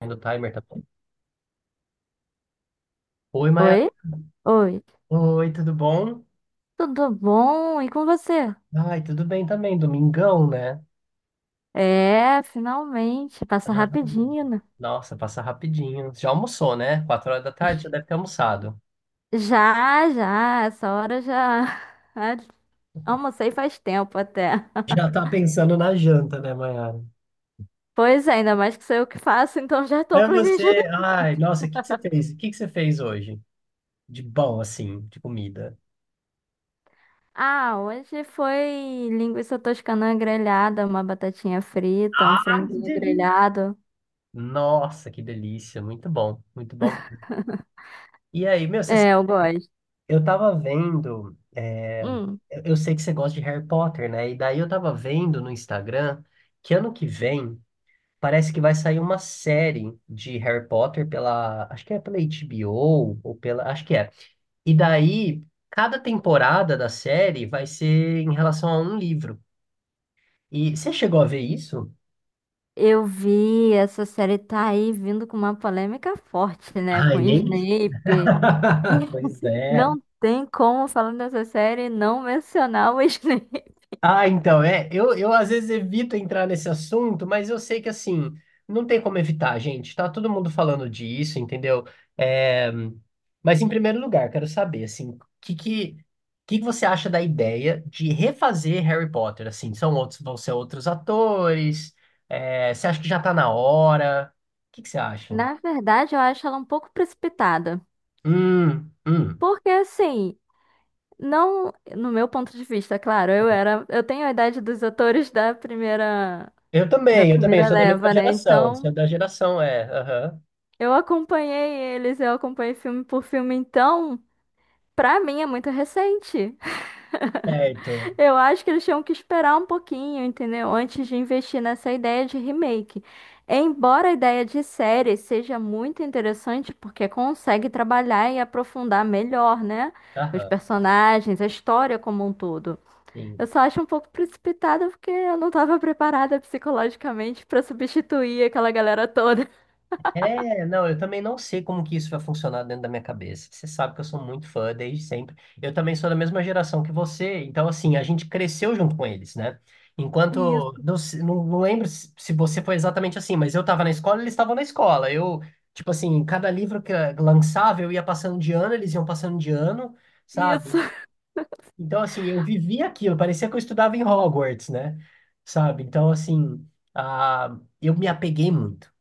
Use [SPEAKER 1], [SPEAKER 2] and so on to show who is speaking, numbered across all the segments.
[SPEAKER 1] Do timer, tá bom. Oi, Maia.
[SPEAKER 2] Oi? Oi.
[SPEAKER 1] Oi, tudo bom?
[SPEAKER 2] Tudo bom? E com você?
[SPEAKER 1] Ai, tudo bem também. Domingão, né?
[SPEAKER 2] É, finalmente. Passa
[SPEAKER 1] Ah,
[SPEAKER 2] rapidinho, né?
[SPEAKER 1] nossa, passa rapidinho. Já almoçou, né? 4 horas da tarde já deve ter almoçado.
[SPEAKER 2] Já, já. Essa hora já. Ah, almocei faz tempo até.
[SPEAKER 1] Já tá pensando na janta, né, Maiara?
[SPEAKER 2] Pois é, ainda mais que sou eu que faço, então já tô
[SPEAKER 1] É
[SPEAKER 2] planejando.
[SPEAKER 1] você. Ai, nossa, o que que você fez? O que que você fez hoje? De bom, assim, de comida.
[SPEAKER 2] Ah, hoje foi linguiça toscana grelhada, uma batatinha frita, um
[SPEAKER 1] Ah, que
[SPEAKER 2] franguinho
[SPEAKER 1] delícia!
[SPEAKER 2] grelhado.
[SPEAKER 1] Nossa, que delícia. Muito bom, muito bom. E aí, meu, você
[SPEAKER 2] É, eu gosto.
[SPEAKER 1] Eu tava vendo,
[SPEAKER 2] Hum.
[SPEAKER 1] eu sei que você gosta de Harry Potter, né? E daí eu tava vendo no Instagram que ano que vem parece que vai sair uma série de Harry Potter pela, acho que é pela HBO ou pela, acho que é. E daí cada temporada da série vai ser em relação a um livro. E você chegou a ver isso?
[SPEAKER 2] Eu vi, essa série tá aí vindo com uma polêmica forte, né?
[SPEAKER 1] Ai,
[SPEAKER 2] Com o
[SPEAKER 1] nem.
[SPEAKER 2] Snape.
[SPEAKER 1] Pois é.
[SPEAKER 2] Não tem como, falando dessa série, não mencionar o Snape.
[SPEAKER 1] Ah, então, é. Eu às vezes evito entrar nesse assunto, mas eu sei que assim, não tem como evitar, gente. Tá todo mundo falando disso, entendeu? É, mas em primeiro lugar, quero saber, assim, o que que você acha da ideia de refazer Harry Potter? Assim, vão ser outros atores? É, você acha que já tá na hora? O que que você acha?
[SPEAKER 2] Na verdade, eu acho ela um pouco precipitada.
[SPEAKER 1] Hum, hum.
[SPEAKER 2] Porque, assim, não. No meu ponto de vista, claro, eu era. Eu tenho a idade dos atores da primeira.
[SPEAKER 1] Eu
[SPEAKER 2] Da
[SPEAKER 1] também, eu também, eu
[SPEAKER 2] primeira
[SPEAKER 1] sou da mesma
[SPEAKER 2] leva, né?
[SPEAKER 1] geração.
[SPEAKER 2] Então,
[SPEAKER 1] Sou da geração, é. Aham.
[SPEAKER 2] eu acompanhei eles, eu acompanhei filme por filme. Então, pra mim é muito recente.
[SPEAKER 1] Certo.
[SPEAKER 2] Eu acho que eles tinham que esperar um pouquinho, entendeu? Antes de investir nessa ideia de remake. Embora a ideia de série seja muito interessante, porque consegue trabalhar e aprofundar melhor, né? Os
[SPEAKER 1] Aham,
[SPEAKER 2] personagens, a história como um todo.
[SPEAKER 1] sim.
[SPEAKER 2] Eu só acho um pouco precipitada porque eu não estava preparada psicologicamente para substituir aquela galera toda.
[SPEAKER 1] É, não, eu também não sei como que isso vai funcionar dentro da minha cabeça. Você sabe que eu sou muito fã desde sempre. Eu também sou da mesma geração que você, então assim, a gente cresceu junto com eles, né? Enquanto,
[SPEAKER 2] Isso,
[SPEAKER 1] não, não lembro se você foi exatamente assim, mas eu estava na escola, eles estavam na escola. Eu, tipo assim, cada livro que lançava, eu ia passando de ano, eles iam passando de ano,
[SPEAKER 2] isso.
[SPEAKER 1] sabe? Então assim, eu vivia aquilo, parecia que eu estudava em Hogwarts, né? Sabe? Então assim, ah, eu me apeguei muito.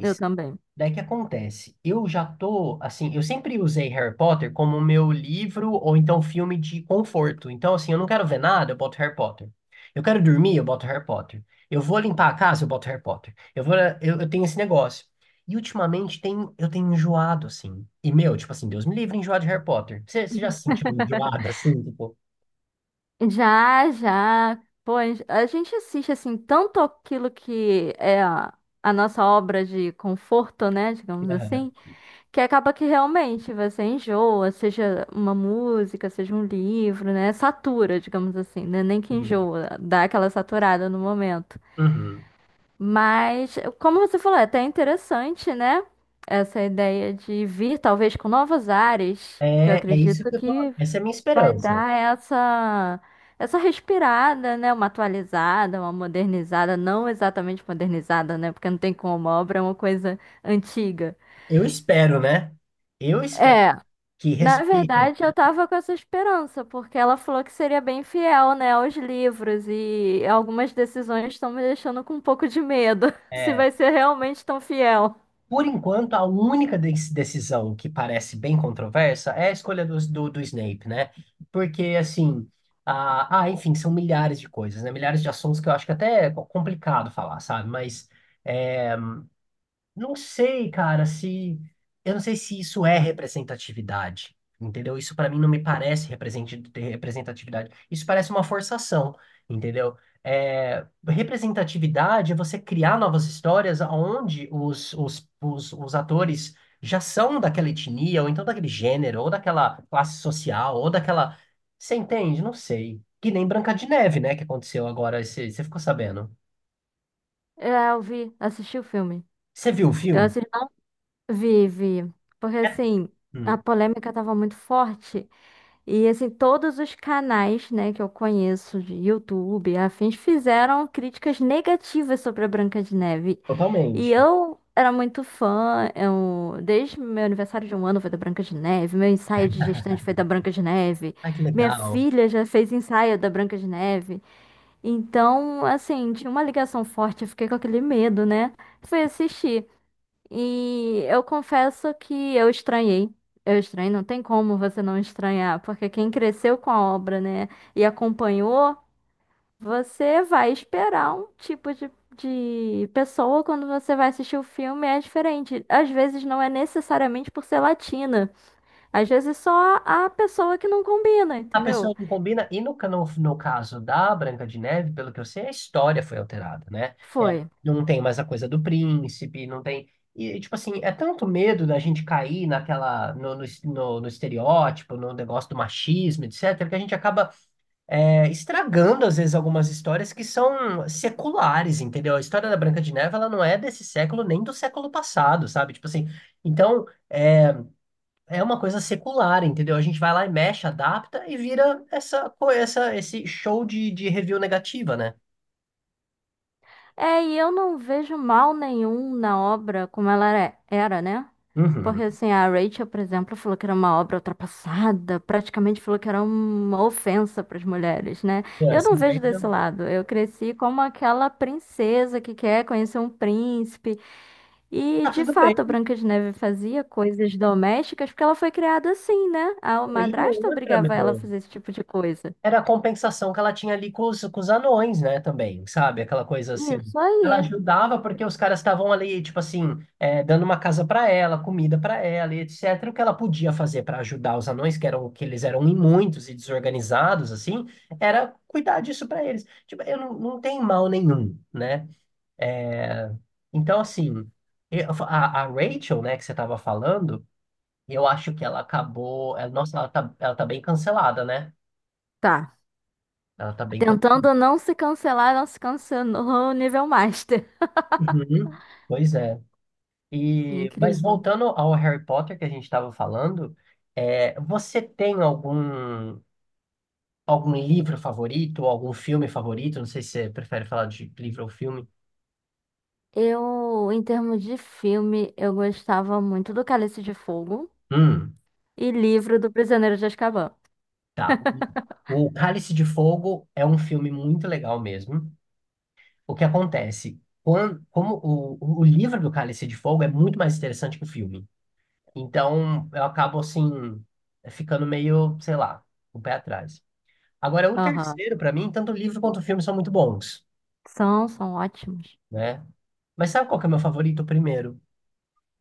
[SPEAKER 2] Eu também.
[SPEAKER 1] daí que acontece? Eu já tô, assim, eu sempre usei Harry Potter como meu livro ou então filme de conforto. Então, assim, eu não quero ver nada, eu boto Harry Potter. Eu quero dormir, eu boto Harry Potter. Eu vou limpar a casa, eu boto Harry Potter. Eu tenho esse negócio. E ultimamente eu tenho enjoado, assim. E, meu, tipo assim, Deus me livre enjoado de Harry Potter. Você já se sentiu enjoado, assim, tipo...
[SPEAKER 2] Já, já. Pô, a gente assiste assim tanto aquilo que é a nossa obra de conforto, né, digamos
[SPEAKER 1] Aham,
[SPEAKER 2] assim, que acaba que realmente você enjoa, seja uma música, seja um livro, né, satura, digamos assim, né, nem que
[SPEAKER 1] sim.
[SPEAKER 2] enjoa, dá aquela saturada no momento.
[SPEAKER 1] Uhum.
[SPEAKER 2] Mas, como você falou, é até interessante, né? Essa ideia de vir, talvez, com novas áreas, que eu
[SPEAKER 1] É, é isso
[SPEAKER 2] acredito
[SPEAKER 1] que eu tô...
[SPEAKER 2] que
[SPEAKER 1] Essa é a minha
[SPEAKER 2] vai
[SPEAKER 1] esperança.
[SPEAKER 2] dar essa, essa respirada, né? Uma atualizada, uma modernizada, não exatamente modernizada, né? Porque não tem como, a obra é uma coisa antiga.
[SPEAKER 1] Eu espero, né? Eu espero
[SPEAKER 2] É,
[SPEAKER 1] que
[SPEAKER 2] na
[SPEAKER 1] respeitem.
[SPEAKER 2] verdade, eu tava com essa esperança, porque ela falou que seria bem fiel, né, aos livros, e algumas decisões estão me deixando com um pouco de medo, se
[SPEAKER 1] É,
[SPEAKER 2] vai ser realmente tão fiel.
[SPEAKER 1] por enquanto, a única decisão que parece bem controversa é a escolha do Snape, né? Porque, assim, enfim, são milhares de coisas, né? Milhares de assuntos que eu acho que até é complicado falar, sabe? Mas é, não sei, cara, se. Eu não sei se isso é representatividade, entendeu? Isso pra mim não me parece ter representatividade. Isso parece uma forçação, entendeu? É, representatividade é você criar novas histórias onde os atores já são daquela etnia, ou então daquele gênero, ou daquela classe social, ou daquela. Você entende? Não sei. Que nem Branca de Neve, né? Que aconteceu agora. Você ficou sabendo?
[SPEAKER 2] É, eu vi, assisti o filme.
[SPEAKER 1] Você viu o
[SPEAKER 2] Eu
[SPEAKER 1] filme?
[SPEAKER 2] assisti, vi, vi. Porque
[SPEAKER 1] É.
[SPEAKER 2] assim, a
[SPEAKER 1] Hum,
[SPEAKER 2] polêmica tava muito forte. E assim, todos os canais, né, que eu conheço de YouTube, e afins, fizeram críticas negativas sobre a Branca de Neve. E
[SPEAKER 1] totalmente.
[SPEAKER 2] eu era muito fã, eu, desde meu aniversário de um ano foi da Branca de Neve, meu ensaio de gestante foi da Branca de Neve,
[SPEAKER 1] Ai, que
[SPEAKER 2] minha
[SPEAKER 1] legal.
[SPEAKER 2] filha já fez ensaio da Branca de Neve. Então, assim, tinha uma ligação forte, eu fiquei com aquele medo, né? Fui assistir. E eu confesso que eu estranhei. Eu estranhei, não tem como você não estranhar, porque quem cresceu com a obra, né, e acompanhou, você vai esperar um tipo de pessoa quando você vai assistir o filme, é diferente. Às vezes não é necessariamente por ser latina, às vezes só a pessoa que não combina,
[SPEAKER 1] A
[SPEAKER 2] entendeu?
[SPEAKER 1] pessoa não combina. E no caso da Branca de Neve, pelo que eu sei, a história foi alterada, né?
[SPEAKER 2] Foi.
[SPEAKER 1] É, não tem mais a coisa do príncipe, não tem. E, tipo assim, é tanto medo da gente cair naquela, no estereótipo, no negócio do machismo, etc., que a gente acaba estragando, às vezes, algumas histórias que são seculares, entendeu? A história da Branca de Neve, ela não é desse século nem do século passado, sabe? Tipo assim, então, é uma coisa secular, entendeu? A gente vai lá e mexe, adapta e vira essa, co- essa esse show de review negativa, né?
[SPEAKER 2] É, e eu não vejo mal nenhum na obra como ela era, né? Porque
[SPEAKER 1] Uhum.
[SPEAKER 2] assim, a Rachel, por exemplo, falou que era uma obra ultrapassada, praticamente falou que era uma ofensa para as mulheres, né?
[SPEAKER 1] É,
[SPEAKER 2] Eu não vejo desse lado. Eu cresci como aquela princesa que quer conhecer um príncipe. E,
[SPEAKER 1] Tá
[SPEAKER 2] de
[SPEAKER 1] tudo
[SPEAKER 2] fato,
[SPEAKER 1] bem.
[SPEAKER 2] a Branca de Neve fazia coisas domésticas porque ela foi criada assim, né? A
[SPEAKER 1] E
[SPEAKER 2] madrasta
[SPEAKER 1] outra,
[SPEAKER 2] obrigava ela a
[SPEAKER 1] meu.
[SPEAKER 2] fazer esse tipo de coisa.
[SPEAKER 1] Era a compensação que ela tinha ali com os anões, né, também, sabe? Aquela coisa assim.
[SPEAKER 2] Isso
[SPEAKER 1] Ela
[SPEAKER 2] aí.
[SPEAKER 1] ajudava porque os caras estavam ali, tipo assim, dando uma casa para ela, comida para ela, e etc. O que ela podia fazer para ajudar os anões, que eles eram muitos e desorganizados, assim, era cuidar disso para eles. Tipo, eu não, não tem mal nenhum, né? É, então, assim, a Rachel, né, que você tava falando, eu acho que ela acabou. Nossa, ela tá bem cancelada, né?
[SPEAKER 2] Tá.
[SPEAKER 1] Ela tá bem.
[SPEAKER 2] Tentando não se cancelar, não se cancelou o nível master.
[SPEAKER 1] Uhum. Pois é. E, mas
[SPEAKER 2] Incrível.
[SPEAKER 1] voltando ao Harry Potter que a gente estava falando, você tem algum livro favorito, ou algum filme favorito? Não sei se você prefere falar de livro ou filme.
[SPEAKER 2] Eu, em termos de filme, eu gostava muito do Cálice de Fogo
[SPEAKER 1] Hum,
[SPEAKER 2] e livro do Prisioneiro de Azkaban.
[SPEAKER 1] tá. O Cálice de Fogo é um filme muito legal mesmo. O que acontece? Quando, como o livro do Cálice de Fogo é muito mais interessante que o filme. Então, eu acabo assim, ficando meio, sei lá, com o pé atrás. Agora, o
[SPEAKER 2] Aham.
[SPEAKER 1] terceiro, pra mim, tanto o livro quanto o filme são muito bons,
[SPEAKER 2] São, são ótimos.
[SPEAKER 1] né? Mas sabe qual que é o meu favorito primeiro?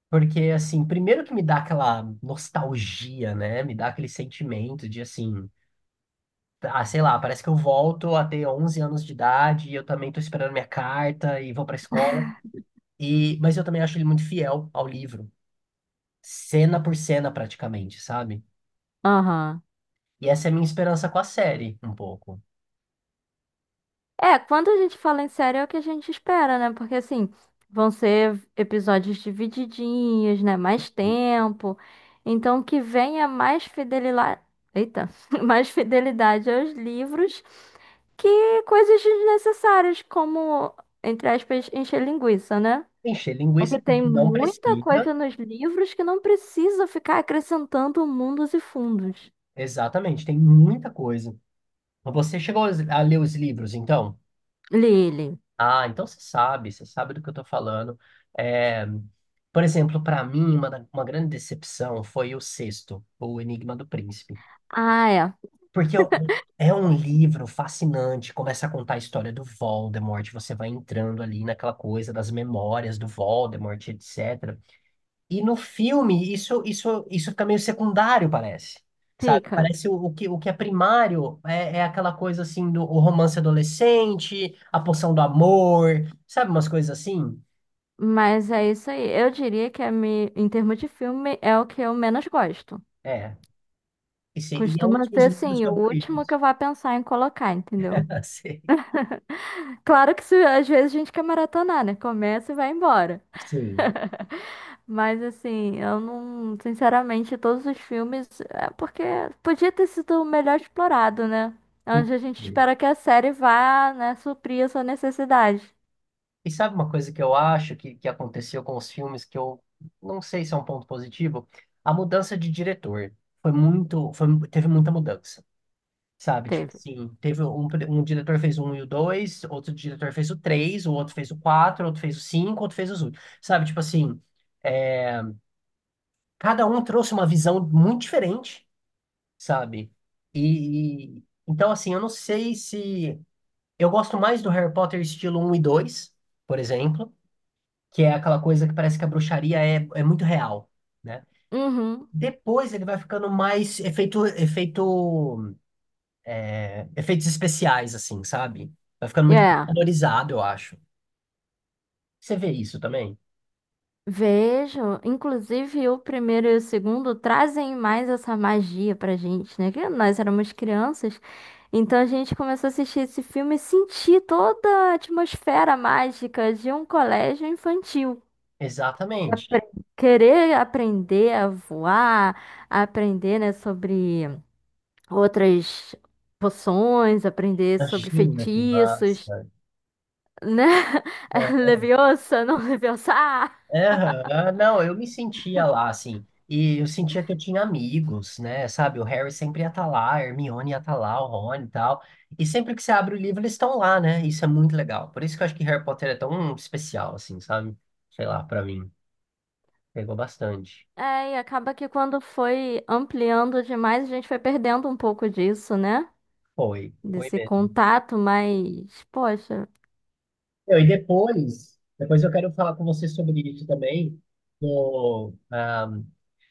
[SPEAKER 1] Porque, assim, primeiro que me dá aquela nostalgia, né? Me dá aquele sentimento de, assim, ah, sei lá, parece que eu volto a ter 11 anos de idade e eu também tô esperando minha carta e vou pra escola. E, mas eu também acho ele muito fiel ao livro, cena por cena, praticamente, sabe?
[SPEAKER 2] Aham.
[SPEAKER 1] E essa é a minha esperança com a série, um pouco.
[SPEAKER 2] É, quando a gente fala em série é o que a gente espera, né? Porque assim, vão ser episódios divididinhos, né? Mais tempo. Então que venha mais fidelidade. Eita, mais fidelidade aos livros que coisas desnecessárias, como, entre aspas, encher linguiça, né?
[SPEAKER 1] Encher linguiça
[SPEAKER 2] Porque tem
[SPEAKER 1] porque não
[SPEAKER 2] muita
[SPEAKER 1] precisa.
[SPEAKER 2] coisa nos livros que não precisa ficar acrescentando mundos e fundos.
[SPEAKER 1] Exatamente, tem muita coisa. Você chegou a ler os livros, então?
[SPEAKER 2] Lili.
[SPEAKER 1] Ah, então você sabe do que eu estou falando. É, por exemplo, para mim, uma grande decepção foi o sexto, O Enigma do Príncipe.
[SPEAKER 2] Ah, é.
[SPEAKER 1] Porque é um livro fascinante, começa a contar a história do Voldemort, você vai entrando ali naquela coisa das memórias do Voldemort, etc. E no filme, isso fica meio secundário, parece. Sabe?
[SPEAKER 2] Fica.
[SPEAKER 1] Parece o que é primário é aquela coisa assim do o romance adolescente, a poção do amor, sabe? Umas coisas assim.
[SPEAKER 2] Mas é isso aí. Eu diria que a em termos de filme é o que eu menos gosto.
[SPEAKER 1] É. E, se- e é um
[SPEAKER 2] Costuma
[SPEAKER 1] dos meus
[SPEAKER 2] ser
[SPEAKER 1] livros
[SPEAKER 2] assim, o último que
[SPEAKER 1] favoritos.
[SPEAKER 2] eu vá pensar em colocar, entendeu?
[SPEAKER 1] Sei.
[SPEAKER 2] Claro que se, às vezes a gente quer maratonar, né? Começa e vai embora.
[SPEAKER 1] Sim.
[SPEAKER 2] Mas assim, eu não, sinceramente, todos os filmes, é porque podia ter sido melhor explorado, né? É onde a gente espera que a série vá, né, suprir essa necessidade.
[SPEAKER 1] E sabe uma coisa que eu acho que aconteceu com os filmes que eu não sei se é um ponto positivo? A mudança de diretor. Teve muita mudança. Sabe, tipo
[SPEAKER 2] Teve.
[SPEAKER 1] assim, teve um diretor fez um e o dois, outro diretor fez o três, o outro fez o quatro, outro fez o cinco, outro fez os oito. Sabe, tipo assim, é, cada um trouxe uma visão muito diferente, sabe? E, então, assim, eu não sei se. Eu gosto mais do Harry Potter estilo um e 2 por exemplo, que é aquela coisa que parece que a bruxaria é muito real, né?
[SPEAKER 2] Uhum.
[SPEAKER 1] Depois ele vai ficando mais efeitos especiais, assim, sabe? Vai ficando muito
[SPEAKER 2] É.
[SPEAKER 1] valorizado, eu acho. Você vê isso também?
[SPEAKER 2] Vejo, inclusive o primeiro e o segundo trazem mais essa magia pra gente, né? Que nós éramos crianças, então a gente começou a assistir esse filme e sentir toda a atmosfera mágica de um colégio infantil.
[SPEAKER 1] Exatamente.
[SPEAKER 2] apre- Querer aprender a voar, a aprender, né, sobre outras poções, aprender sobre
[SPEAKER 1] Imagina que
[SPEAKER 2] feitiços,
[SPEAKER 1] massa.
[SPEAKER 2] né? Leviosa, não Leviosa. Ah!
[SPEAKER 1] É, aham. Não, eu me sentia lá, assim, e eu sentia que eu tinha amigos, né, sabe, o Harry sempre ia estar lá, a Hermione ia estar lá, o Rony e tal, e sempre que você abre o livro eles estão lá, né, isso é muito legal, por isso que eu acho que Harry Potter é tão especial, assim, sabe, sei lá, pra mim, pegou bastante,
[SPEAKER 2] É, e acaba que quando foi ampliando demais, a gente foi perdendo um pouco disso, né?
[SPEAKER 1] foi, foi
[SPEAKER 2] Desse
[SPEAKER 1] mesmo.
[SPEAKER 2] contato, mas, poxa,
[SPEAKER 1] Meu, e depois eu quero falar com você sobre isso também, do, ah,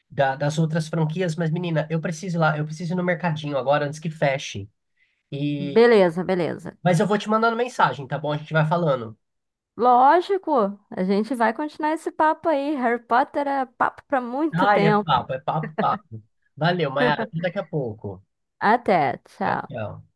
[SPEAKER 1] das outras franquias, mas menina, eu preciso ir lá, eu preciso ir no mercadinho agora antes que feche. E,
[SPEAKER 2] beleza, beleza.
[SPEAKER 1] mas eu vou te mandando mensagem, tá bom? A gente vai falando.
[SPEAKER 2] Lógico, a gente vai continuar esse papo aí. Harry Potter é papo pra muito
[SPEAKER 1] Ai,
[SPEAKER 2] tempo.
[SPEAKER 1] é papo, papo. Valeu, Mayara, até daqui a pouco.
[SPEAKER 2] Até,
[SPEAKER 1] Tchau,
[SPEAKER 2] tchau.
[SPEAKER 1] tchau.